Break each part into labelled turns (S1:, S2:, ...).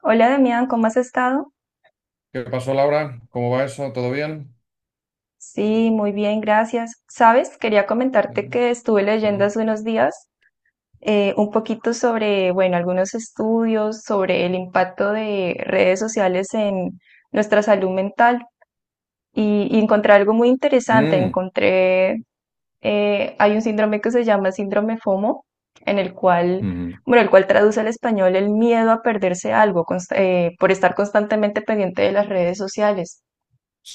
S1: Hola Damián, ¿cómo has estado?
S2: ¿Qué pasó, Laura? ¿Cómo va eso? ¿Todo bien?
S1: Sí, muy bien, gracias. Sabes, quería
S2: Sí.
S1: comentarte que estuve
S2: Sí.
S1: leyendo hace unos días un poquito sobre, bueno, algunos estudios sobre el impacto de redes sociales en nuestra salud mental y encontré algo muy interesante.
S2: Mm,
S1: Hay un síndrome que se llama síndrome FOMO, en el cual,
S2: ujú.
S1: bueno, el cual traduce al español el miedo a perderse algo por estar constantemente pendiente de las redes sociales.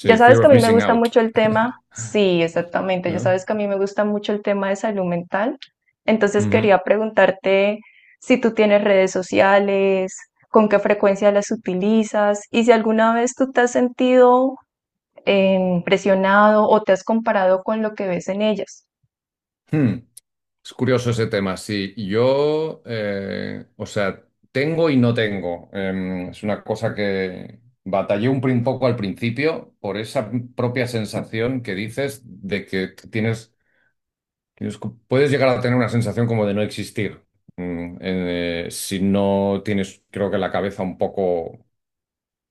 S1: Ya sabes
S2: fear
S1: que a
S2: of
S1: mí me
S2: missing
S1: gusta
S2: out.
S1: mucho el tema, sí, exactamente, ya
S2: ¿No?
S1: sabes que a mí me gusta mucho el tema de salud mental, entonces
S2: Ujú.
S1: quería preguntarte si tú tienes redes sociales, con qué frecuencia las utilizas y si alguna vez tú te has sentido presionado o te has comparado con lo que ves en ellas.
S2: Hmm. Es curioso ese tema. Sí, o sea, tengo y no tengo. Es una cosa que batallé un poco al principio por esa propia sensación que dices de que tienes- puedes llegar a tener una sensación como de no existir. Si no tienes, creo que la cabeza un poco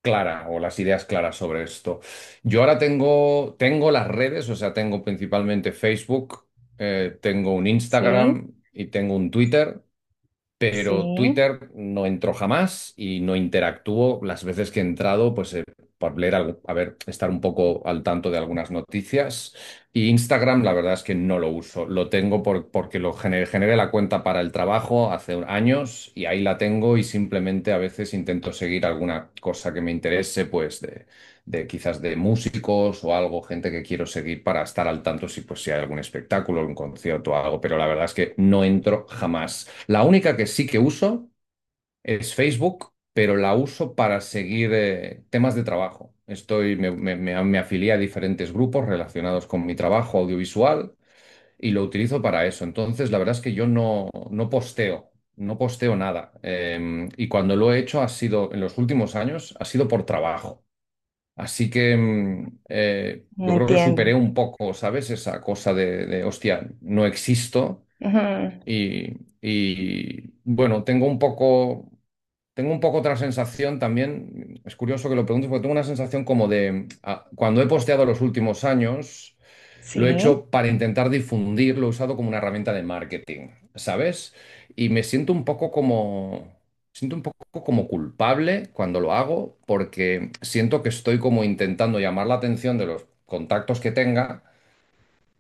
S2: clara o las ideas claras sobre esto. Yo ahora tengo las redes, o sea, tengo principalmente Facebook, tengo un
S1: Sí,
S2: Instagram y tengo un Twitter.
S1: sí,
S2: Pero Twitter no entró jamás y no interactuó. Las veces que he entrado, pues por leer algo, a ver, estar un poco al tanto de algunas noticias. Y Instagram, la verdad es que no lo uso. Lo tengo porque lo generé la cuenta para el trabajo hace años y ahí la tengo y simplemente a veces intento seguir alguna cosa que me interese, pues de quizás de músicos o algo, gente que quiero seguir para estar al tanto si, pues, si hay algún espectáculo, un concierto o algo. Pero la verdad es que no entro jamás. La única que sí que uso es Facebook, pero la uso para seguir temas de trabajo. Estoy, me- Me afilié a diferentes grupos relacionados con mi trabajo audiovisual y lo utilizo para eso. Entonces, la verdad es que yo no, no posteo, no posteo nada. Y cuando lo he hecho ha sido, en los últimos años, ha sido por trabajo. Así que yo creo que
S1: entiendo.
S2: superé un poco, ¿sabes? Esa cosa de hostia, no existo.
S1: Ujú,
S2: y, y, bueno, tengo un poco otra sensación también. Es curioso que lo preguntes porque tengo una sensación como de ah, cuando he posteado los últimos años, lo he
S1: sí,
S2: hecho para intentar difundir, lo he usado como una herramienta de marketing, ¿sabes? Y me siento un poco como, siento un poco como culpable cuando lo hago porque siento que estoy como intentando llamar la atención de los contactos que tenga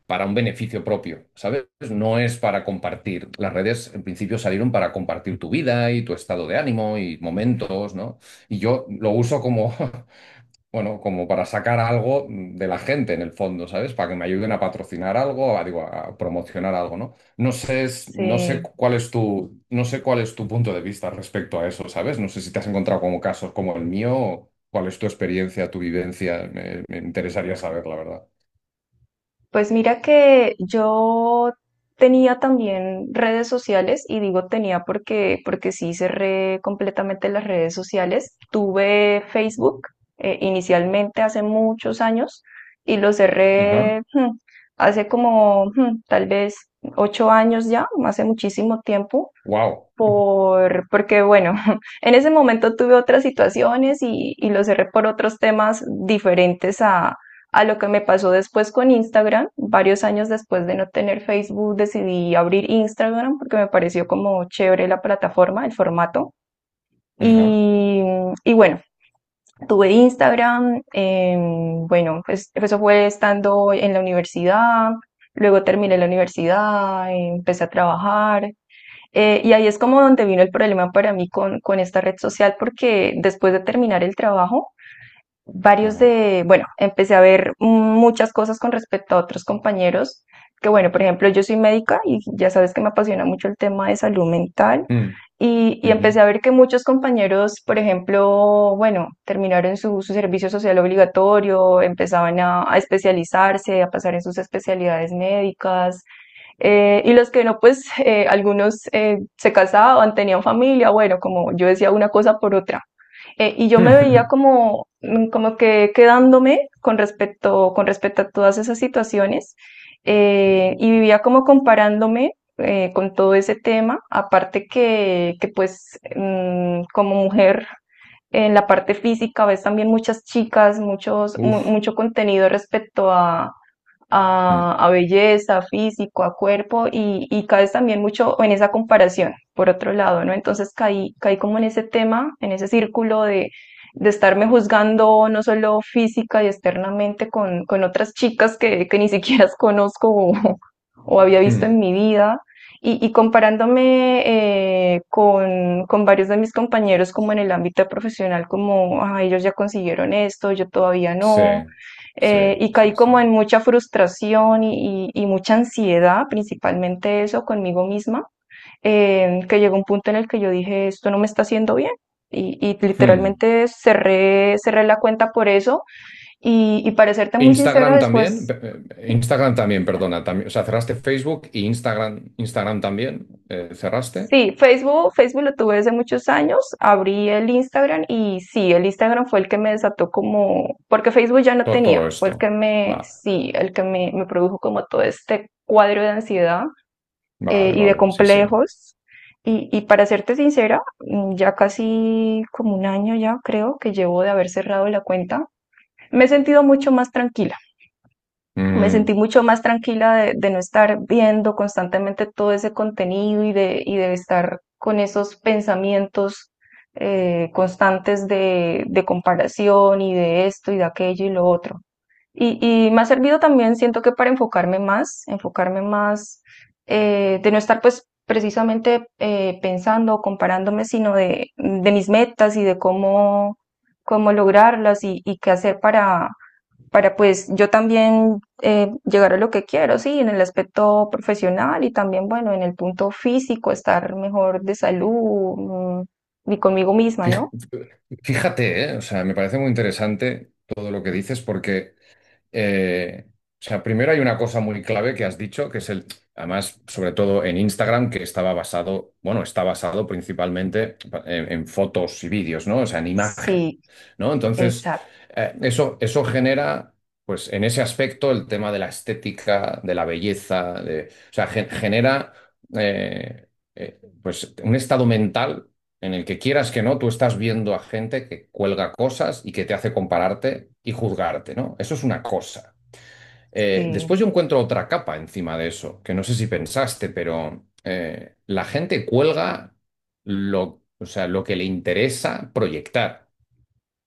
S2: para un beneficio propio, ¿sabes? No es para compartir. Las redes en principio salieron para compartir tu vida y tu estado de ánimo y momentos, ¿no? Y yo lo uso como, bueno, como para sacar algo de la gente en el fondo, ¿sabes? Para que me ayuden a patrocinar algo, a, digo, a promocionar algo, ¿no? No sé,
S1: sí.
S2: no sé cuál es tu punto de vista respecto a eso, ¿sabes? No sé si te has encontrado como casos como el mío, o cuál es tu experiencia, tu vivencia, me interesaría saber, la verdad.
S1: Pues mira que yo tenía también redes sociales y digo tenía porque, porque sí cerré completamente las redes sociales. Tuve Facebook inicialmente hace muchos años y lo
S2: Ajá.
S1: cerré hace como tal vez 8 años ya, hace muchísimo tiempo
S2: Wow.
S1: por, porque bueno, en ese momento tuve otras situaciones y lo cerré por otros temas diferentes a lo que me pasó después con Instagram. Varios años después de no tener Facebook, decidí abrir Instagram porque me pareció como chévere la plataforma, el formato. Y, y bueno, tuve Instagram, bueno, pues eso fue estando en la universidad, luego terminé la universidad, empecé a trabajar, y ahí es como donde vino el problema para mí con esta red social, porque después de terminar el trabajo, varios
S2: Ajá.
S1: de, bueno, empecé a ver muchas cosas con respecto a otros compañeros, que bueno, por ejemplo, yo soy médica y ya sabes que me apasiona mucho el tema de salud mental,
S2: Mm,
S1: y empecé
S2: ujú.
S1: a ver que muchos compañeros, por ejemplo, bueno, terminaron su, su servicio social obligatorio, empezaban a especializarse, a pasar en sus especialidades médicas, y los que no, pues algunos se casaban, tenían familia, bueno, como yo decía una cosa por otra. Y yo me veía como, como que quedándome con respecto a todas esas situaciones,
S2: Ya.
S1: y vivía como comparándome con todo ese tema, aparte que pues como mujer en la parte física ves también muchas chicas, muchos,
S2: Uf.
S1: mucho contenido respecto
S2: Mm,
S1: a belleza, físico, a cuerpo y caes también mucho en esa comparación, por otro lado, ¿no? Entonces caí, caí como en ese tema, en ese círculo de estarme juzgando no solo física y externamente con otras chicas que ni siquiera conozco o había visto
S2: mm.
S1: en mi vida. Y comparándome con varios de mis compañeros como en el ámbito profesional, como, ah, ellos ya consiguieron esto, yo todavía
S2: Sí,
S1: no,
S2: sí,
S1: y
S2: sí,
S1: caí como en
S2: señor.
S1: mucha frustración y mucha ansiedad, principalmente eso conmigo misma, que llegó un punto en el que yo dije, esto no me está haciendo bien. Y
S2: Hmm.
S1: literalmente cerré, cerré la cuenta por eso. Y para serte muy sincera,
S2: Instagram también,
S1: después,
S2: Pe- Instagram también, perdona, también, o sea, cerraste Facebook y Instagram, Instagram también, cerraste
S1: sí, Facebook, Facebook lo tuve desde muchos años, abrí el Instagram y sí, el Instagram fue el que me desató como, porque Facebook ya no tenía,
S2: Todo,
S1: fue
S2: esto.
S1: el que me,
S2: Vale,
S1: sí, el que me produjo como todo este cuadro de ansiedad
S2: vale,
S1: y de
S2: vale, sí, sí.
S1: complejos. Y para serte sincera, ya casi como un año ya creo que llevo de haber cerrado la cuenta, me he sentido mucho más tranquila. Me sentí
S2: Mm,
S1: mucho más tranquila de no estar viendo constantemente todo ese contenido y de estar con esos pensamientos constantes de comparación y de esto y de aquello y lo otro. Y, y me ha servido también, siento que para enfocarme más, de no estar pues precisamente pensando o comparándome, sino de mis metas y de cómo, cómo lograrlas y qué hacer para pues yo también llegar a lo que quiero, sí, en el aspecto profesional y también, bueno, en el punto físico, estar mejor de salud, y conmigo misma,
S2: fij-
S1: ¿no?
S2: Fíjate, o sea, me parece muy interesante todo lo que dices porque o sea, primero hay una cosa muy clave que has dicho, que es además, sobre todo en Instagram, que estaba basado, bueno, está basado principalmente en fotos y vídeos, ¿no? O sea, en imagen,
S1: Sí,
S2: ¿no? Entonces,
S1: exacto,
S2: eso genera, pues, en ese aspecto, el tema de la estética, de la belleza, de, o sea, genera, eh, pues, un estado mental en el que quieras que no, tú estás viendo a gente que cuelga cosas y que te hace compararte y juzgarte, ¿no? Eso es una cosa.
S1: sí,
S2: Después yo encuentro otra capa encima de eso, que no sé si pensaste, pero la gente cuelga o sea, lo que le interesa proyectar.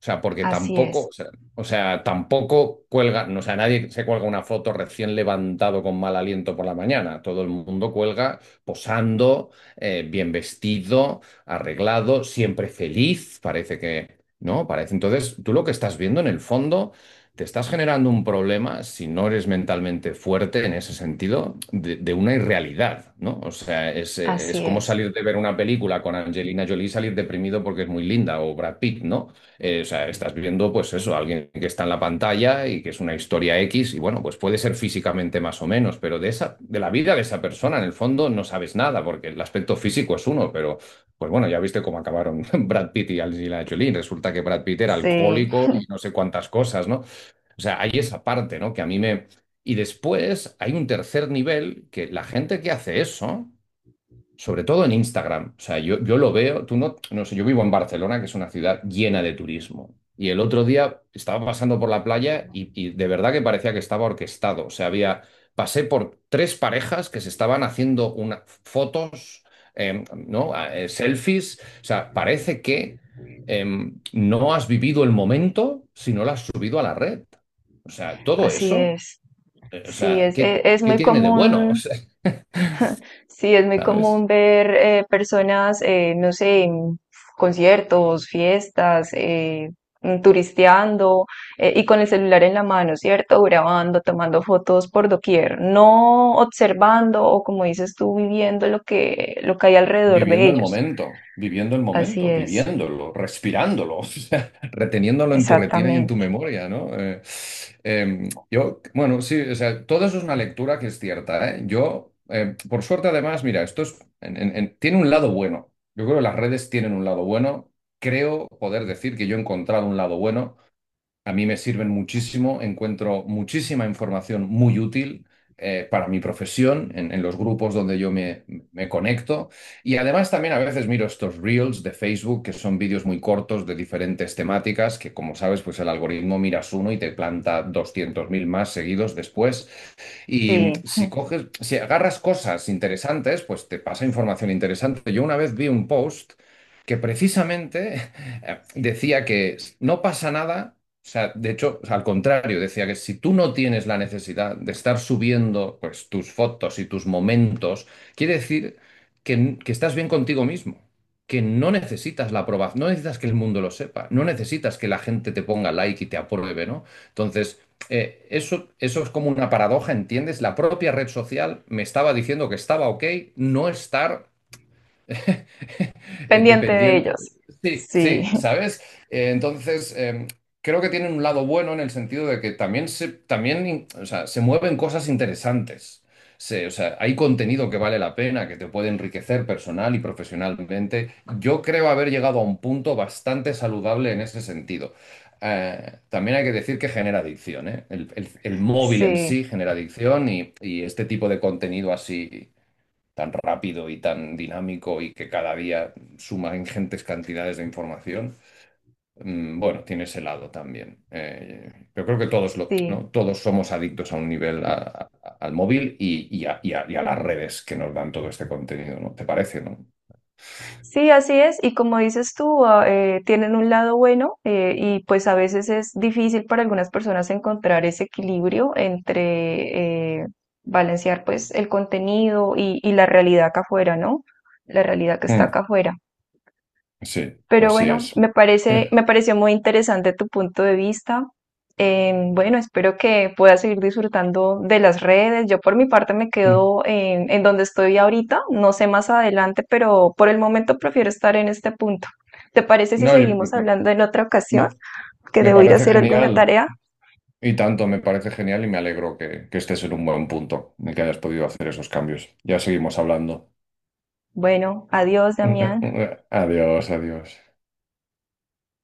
S2: O sea, porque
S1: así
S2: tampoco,
S1: es,
S2: o sea, tampoco cuelga, no, o sea, nadie se cuelga una foto recién levantado con mal aliento por la mañana. Todo el mundo cuelga posando, bien vestido, arreglado, siempre feliz, parece que, ¿no? Parece. Entonces, tú lo que estás viendo en el fondo, te estás generando un problema, si no eres mentalmente fuerte en ese sentido, de una irrealidad, ¿no? O sea, es
S1: así
S2: como
S1: es.
S2: salir de ver una película con Angelina Jolie y salir deprimido porque es muy linda, o Brad Pitt, ¿no? O sea, estás viendo, pues eso, alguien que está en la pantalla y que es una historia X, y bueno, pues puede ser físicamente más o menos, pero de la vida de esa persona, en el fondo, no sabes nada, porque el aspecto físico es uno, pero pues bueno, ya viste cómo acabaron Brad Pitt y Angelina Jolie. Resulta que Brad Pitt era
S1: Sí,
S2: alcohólico y no sé cuántas cosas, ¿no? O sea, hay esa parte, ¿no? Que a mí me. Y después hay un tercer nivel que la gente que hace eso sobre todo en Instagram. O sea, yo lo veo, tú no sé, yo vivo en Barcelona, que es una ciudad llena de turismo. Y el otro día estaba pasando por la playa y de verdad que parecía que estaba orquestado. O sea, había, pasé por tres parejas que se estaban haciendo una, fotos, ¿no? Selfies. O sea, parece que no has vivido el momento si no lo has subido a la red. O sea, todo
S1: así
S2: eso,
S1: es.
S2: o
S1: Sí,
S2: sea,
S1: es,
S2: ¿qué,
S1: es
S2: qué
S1: muy
S2: tiene de bueno? O
S1: común,
S2: sea,
S1: sí, es muy común
S2: ¿sabes?
S1: ver personas, no sé, en conciertos, fiestas, turisteando y con el celular en la mano, ¿cierto? Grabando, tomando fotos por doquier, no observando o como dices tú, viviendo lo que hay alrededor de ellos.
S2: Viviendo el
S1: Así
S2: momento,
S1: es,
S2: viviéndolo, respirándolo, o sea, reteniéndolo en tu retina y en tu
S1: exactamente.
S2: memoria, ¿no? Yo, bueno, sí, o sea, todo eso es una lectura que es cierta, ¿eh? Por suerte, además, mira, esto es, tiene un lado bueno. Yo creo que las redes tienen un lado bueno. Creo poder decir que yo he encontrado un lado bueno. A mí me sirven muchísimo, encuentro muchísima información muy útil para mi profesión en los grupos donde me conecto. Y además también a veces miro estos reels de Facebook, que son vídeos muy cortos de diferentes temáticas, que como sabes, pues el algoritmo miras uno y te planta 200.000 más seguidos después. Y
S1: Sí,
S2: si coges, si agarras cosas interesantes, pues te pasa información interesante. Yo una vez vi un post que precisamente decía que no pasa nada. O sea, de hecho, al contrario, decía que si tú no tienes la necesidad de estar subiendo pues, tus fotos y tus momentos, quiere decir que estás bien contigo mismo, que no necesitas la aprobación, no necesitas que el mundo lo sepa, no necesitas que la gente te ponga like y te apruebe, ¿no? Entonces, eso es como una paradoja, ¿entiendes? La propia red social me estaba diciendo que estaba ok no estar
S1: pendiente de
S2: dependiente.
S1: ellos.
S2: Sí,
S1: Sí,
S2: sí, ¿sabes? Eh, entonces, eh, creo que tienen un lado bueno en el sentido de que también o sea, se mueven cosas interesantes. O sea, hay contenido que vale la pena, que te puede enriquecer personal y profesionalmente. Yo creo haber llegado a un punto bastante saludable en ese sentido. También hay que decir que genera adicción, ¿eh? El móvil en
S1: sí,
S2: sí genera adicción y este tipo de contenido así tan rápido y tan dinámico y que cada día suma ingentes cantidades de información, mm, bueno, tiene ese lado también. Yo creo que todos, lo,
S1: sí.
S2: ¿no? Todos somos adictos a un nivel al móvil y a las redes que nos dan todo este contenido, ¿no? ¿Te parece, no?
S1: Sí, así es. Y como dices tú, ah, tienen un lado bueno, y pues a veces es difícil para algunas personas encontrar ese equilibrio entre balancear pues el contenido y la realidad acá afuera, ¿no? La realidad que está
S2: Mm,
S1: acá afuera.
S2: sí,
S1: Pero
S2: así
S1: bueno,
S2: es.
S1: me parece, me pareció muy interesante tu punto de vista. Bueno, espero que puedas seguir disfrutando de las redes. Yo por mi parte me
S2: Mm.
S1: quedo en donde estoy ahorita. No sé más adelante, pero por el momento prefiero estar en este punto. ¿Te parece si
S2: No, yo-
S1: seguimos
S2: mm,
S1: hablando en otra ocasión?
S2: me,
S1: Que
S2: me
S1: debo ir a
S2: parece
S1: hacer alguna
S2: genial.
S1: tarea.
S2: Y tanto, me parece genial y me alegro que estés en un buen punto, de que hayas podido hacer esos cambios. Ya seguimos hablando.
S1: Bueno, adiós, Damián.
S2: Adiós, adiós.